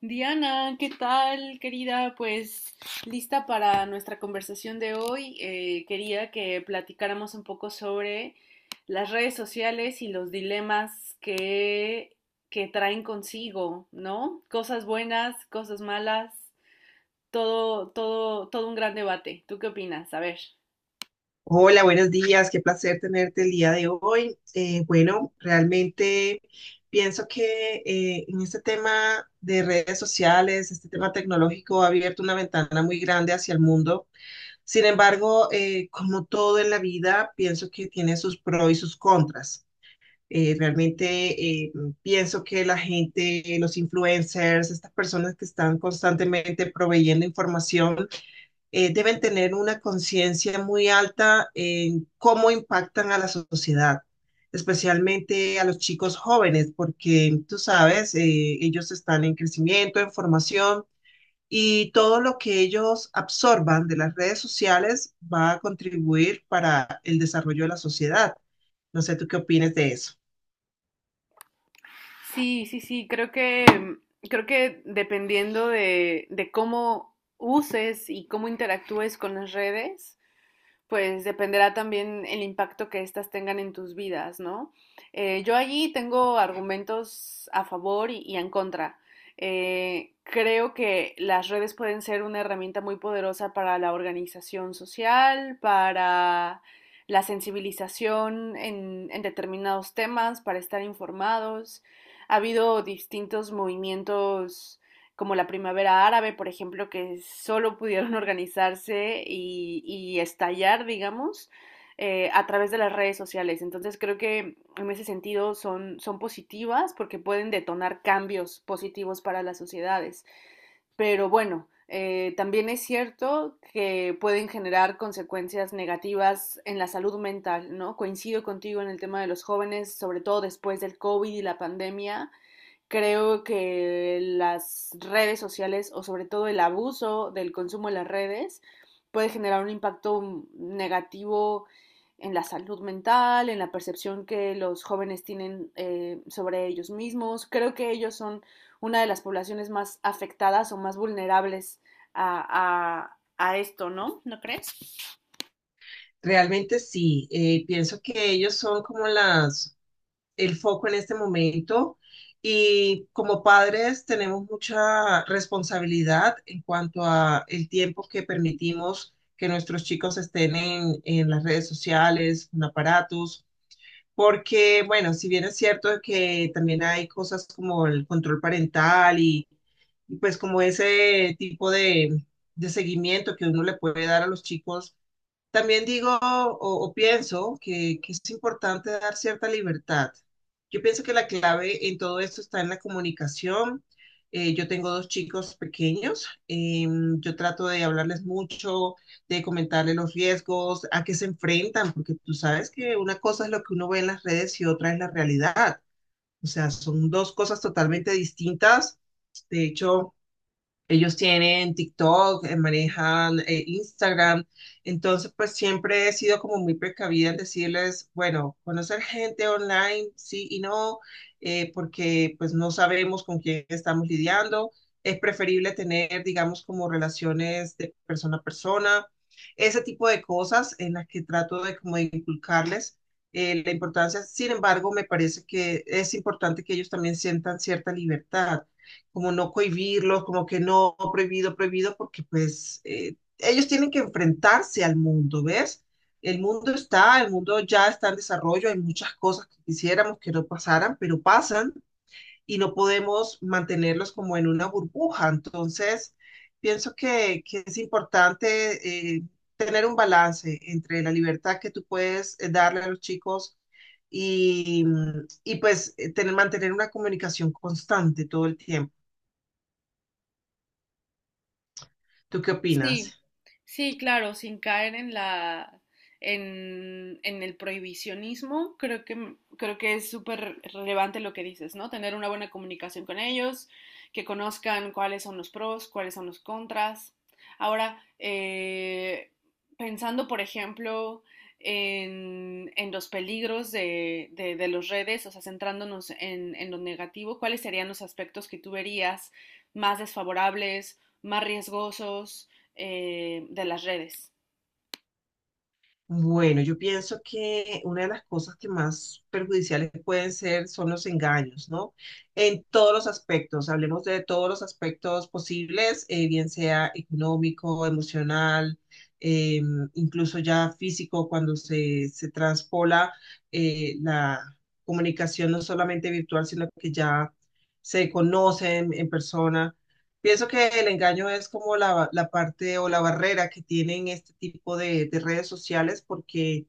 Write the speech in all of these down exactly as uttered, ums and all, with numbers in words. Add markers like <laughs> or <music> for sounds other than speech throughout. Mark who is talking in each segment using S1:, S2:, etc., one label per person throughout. S1: Diana, ¿qué tal, querida? Pues lista para nuestra conversación de hoy. Eh, quería que platicáramos un poco sobre las redes sociales y los dilemas que, que traen consigo, ¿no? Cosas buenas, cosas malas, todo, todo, todo un gran debate. ¿Tú qué opinas? A ver.
S2: Hola, buenos días, qué placer tenerte el día de hoy. Eh, bueno, realmente pienso que eh, en este tema de redes sociales, este tema tecnológico ha abierto una ventana muy grande hacia el mundo. Sin embargo, eh, como todo en la vida, pienso que tiene sus pros y sus contras. Eh, realmente eh, Pienso que la gente, los influencers, estas personas que están constantemente proveyendo información, eh, deben tener una conciencia muy alta en cómo impactan a la sociedad, especialmente a los chicos jóvenes, porque tú sabes, eh, ellos están en crecimiento, en formación y todo lo que ellos absorban de las redes sociales va a contribuir para el desarrollo de la sociedad. No sé, ¿tú qué opinas de eso?
S1: Sí, sí, sí, creo que, creo que dependiendo de, de cómo uses y cómo interactúes con las redes, pues dependerá también el impacto que éstas tengan en tus vidas, ¿no? Eh, yo allí tengo argumentos a favor y, y en contra. Eh, creo que las redes pueden ser una herramienta muy poderosa para la organización social, para la sensibilización en, en determinados temas, para estar informados. Ha habido distintos movimientos como la primavera árabe, por ejemplo, que solo pudieron <laughs> organizarse y, y estallar, digamos, eh, a través de las redes sociales. Entonces creo que en ese sentido son, son positivas porque pueden detonar cambios positivos para las sociedades. Pero bueno, eh, también es cierto que pueden generar consecuencias negativas en la salud mental, ¿no? Coincido contigo en el tema de los jóvenes, sobre todo después del COVID y la pandemia. Creo que las redes sociales o sobre todo el abuso del consumo de las redes puede generar un impacto negativo en la salud mental, en la percepción que los jóvenes tienen eh, sobre ellos mismos. Creo que ellos son una de las poblaciones más afectadas o más vulnerables a, a, a esto, ¿no? ¿No crees?
S2: Realmente sí, eh, pienso que ellos son como las el foco en este momento y como padres tenemos mucha responsabilidad en cuanto a el tiempo que permitimos que nuestros chicos estén en, en las redes sociales, en aparatos, porque bueno, si bien es cierto que también hay cosas como el control parental y, y pues como ese tipo de, de seguimiento que uno le puede dar a los chicos también digo o, o pienso que, que es importante dar cierta libertad. Yo pienso que la clave en todo esto está en la comunicación. Eh, yo tengo dos chicos pequeños. Eh, yo trato de hablarles mucho, de comentarles los riesgos, a qué se enfrentan, porque tú sabes que una cosa es lo que uno ve en las redes y otra es la realidad. O sea, son dos cosas totalmente distintas. De hecho, ellos tienen TikTok, eh, manejan eh, Instagram, entonces pues siempre he sido como muy precavida en decirles, bueno, conocer gente online, sí y no, eh, porque pues no sabemos con quién estamos lidiando. Es preferible tener, digamos, como relaciones de persona a persona, ese tipo de cosas en las que trato de como de inculcarles eh, la importancia. Sin embargo, me parece que es importante que ellos también sientan cierta libertad como no cohibirlos, como que no, prohibido, prohibido, porque pues eh, ellos tienen que enfrentarse al mundo, ¿ves? El mundo está, el mundo ya está en desarrollo, hay muchas cosas que quisiéramos que no pasaran, pero pasan y no podemos mantenerlos como en una burbuja. Entonces, pienso que, que es importante eh, tener un balance entre la libertad que tú puedes eh, darle a los chicos y, y pues eh, tener, mantener una comunicación constante todo el tiempo. ¿Tú qué
S1: Sí,
S2: opinas?
S1: sí, claro, sin caer en la en, en el prohibicionismo, creo que mm, creo que es súper relevante lo que dices, ¿no? Tener una buena comunicación con ellos, que conozcan cuáles son los pros, cuáles son los contras. Ahora, eh, pensando, por ejemplo, en, en los peligros de, de, de las redes, o sea, centrándonos en, en lo negativo, ¿cuáles serían los aspectos que tú verías más desfavorables, más riesgosos, eh, de las redes?
S2: Bueno, yo pienso que una de las cosas que más perjudiciales pueden ser son los engaños, ¿no? En todos los aspectos, hablemos de todos los aspectos posibles, eh, bien sea económico, emocional, eh, incluso ya físico, cuando se, se transpola eh, la comunicación no solamente virtual, sino que ya se conocen en persona. Pienso que el engaño es como la, la parte o la barrera que tienen este tipo de, de redes sociales porque,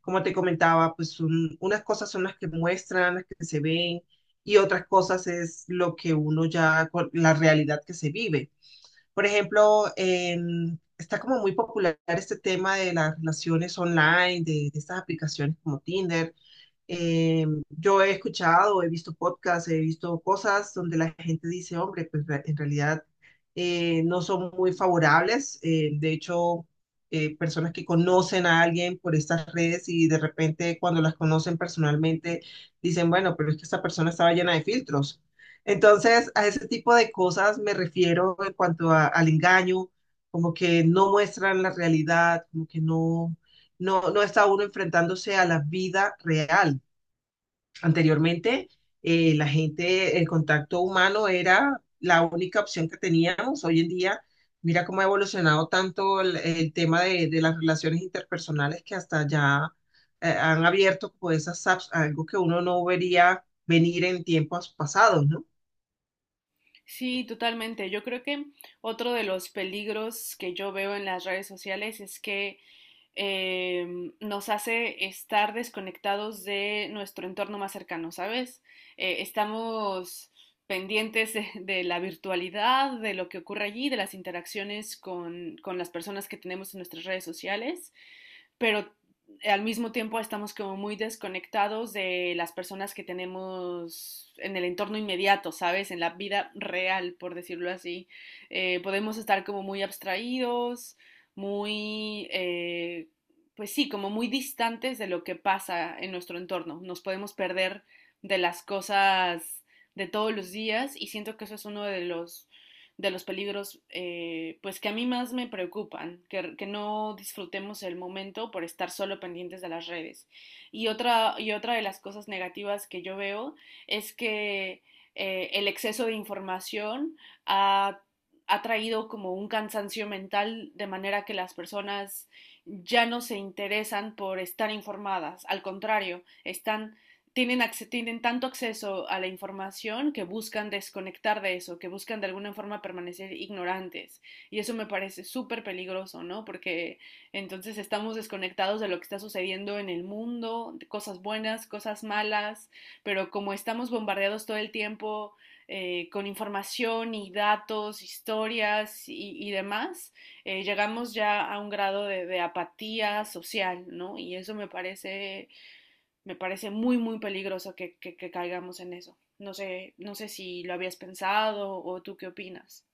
S2: como te comentaba, pues un- unas cosas son las que muestran, las que se ven y otras cosas es lo que uno ya, con la realidad que se vive. Por ejemplo, en- está como muy popular este tema de las relaciones online, de, de estas aplicaciones como Tinder. Eh, yo he escuchado, he visto podcasts, he visto cosas donde la gente dice, hombre, pues re- en realidad eh, no son muy favorables. Eh, de hecho, eh, personas que conocen a alguien por estas redes y de repente cuando las conocen personalmente dicen, bueno, pero es que esta persona estaba llena de filtros. Entonces, a ese tipo de cosas me refiero en cuanto a- al engaño, como que no muestran la realidad, como que no, no, no está uno enfrentándose a la vida real. Anteriormente, eh, la gente, el contacto humano era la única opción que teníamos. Hoy en día, mira cómo ha evolucionado tanto el, el tema de, de las relaciones interpersonales que hasta ya eh, han abierto como esas apps, algo que uno no vería venir en tiempos pasados, ¿no?
S1: Sí, totalmente. Yo creo que otro de los peligros que yo veo en las redes sociales es que em, nos hace estar desconectados de nuestro entorno más cercano, ¿sabes? Eh, estamos pendientes de, de la virtualidad, de lo que ocurre allí, de las interacciones con, con las personas que tenemos en nuestras redes sociales, pero al mismo tiempo estamos como muy desconectados de las personas que tenemos en el entorno inmediato, ¿sabes? En la vida real, por decirlo así. Eh, podemos estar como muy abstraídos, muy, eh, pues sí, como muy distantes de lo que pasa en nuestro entorno. Nos podemos perder de las cosas de todos los días y siento que eso es uno de los de los peligros, eh, pues que a mí más me preocupan, que, que, no disfrutemos el momento por estar solo pendientes de las redes. Y otra, y otra de las cosas negativas que yo veo es que eh, el exceso de información ha, ha traído como un cansancio mental de manera que las personas ya no se interesan por estar informadas, al contrario, están tienen, tienen tanto acceso a la información que buscan desconectar de eso, que buscan de alguna forma permanecer ignorantes. Y eso me parece súper peligroso, ¿no? Porque entonces estamos desconectados de lo que está sucediendo en el mundo, de cosas buenas, cosas malas, pero como estamos bombardeados todo el tiempo eh, con información y datos, historias y, y demás, eh, llegamos ya a un grado de, de apatía social, ¿no? Y eso me parece me parece muy, muy peligroso que, que, que caigamos en eso. No sé, no sé si lo habías pensado o tú qué opinas.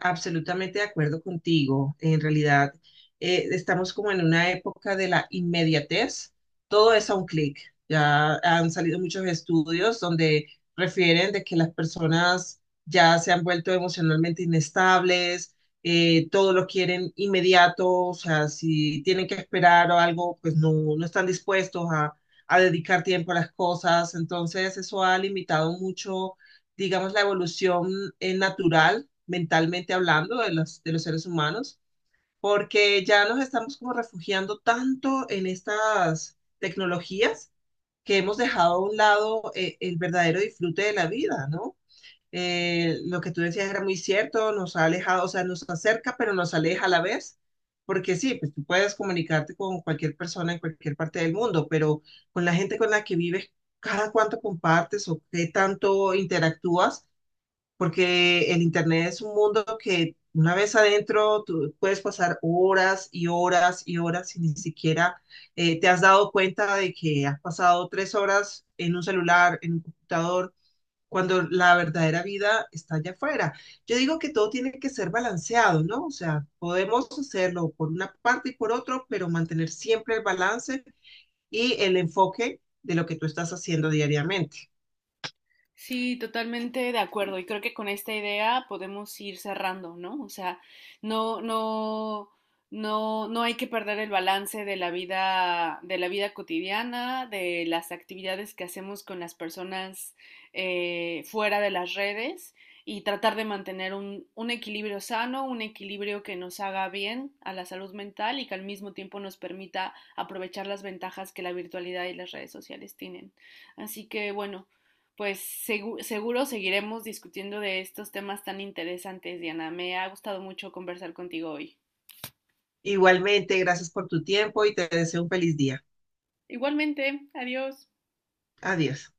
S2: Absolutamente de acuerdo contigo. En realidad, eh, estamos como en una época de la inmediatez. Todo es a un clic. Ya han salido muchos estudios donde refieren de que las personas ya se han vuelto emocionalmente inestables, eh, todo lo quieren inmediato, o sea, si tienen que esperar o algo, pues no, no están dispuestos a, a dedicar tiempo a las cosas. Entonces, eso ha limitado mucho, digamos, la evolución, eh, natural mentalmente hablando de los, de los seres humanos, porque ya nos estamos como refugiando tanto en estas tecnologías que hemos dejado a un lado eh, el verdadero disfrute de la vida, ¿no? Eh, lo que tú decías era muy cierto, nos ha alejado, o sea, nos acerca, pero nos aleja a la vez, porque sí, pues tú puedes comunicarte con cualquier persona en cualquier parte del mundo, pero con la gente con la que vives, cada cuánto compartes o qué tanto interactúas porque el Internet es un mundo que una vez adentro tú puedes pasar horas y horas y horas y ni siquiera eh, te has dado cuenta de que has pasado tres horas en un celular, en un computador, cuando la verdadera vida está allá afuera. Yo digo que todo tiene que ser balanceado, ¿no? O sea, podemos hacerlo por una parte y por otro, pero mantener siempre el balance y el enfoque de lo que tú estás haciendo diariamente.
S1: Sí, totalmente de acuerdo. Y creo que con esta idea podemos ir cerrando, ¿no? O sea, no, no, no, no hay que perder el balance de la vida, de la vida cotidiana, de las actividades que hacemos con las personas eh, fuera de las redes y tratar de mantener un, un equilibrio sano, un equilibrio que nos haga bien a la salud mental y que al mismo tiempo nos permita aprovechar las ventajas que la virtualidad y las redes sociales tienen. Así que bueno, pues segu seguro seguiremos discutiendo de estos temas tan interesantes, Diana. Me ha gustado mucho conversar contigo hoy.
S2: Igualmente, gracias por tu tiempo y te deseo un feliz día.
S1: Igualmente, adiós.
S2: Adiós.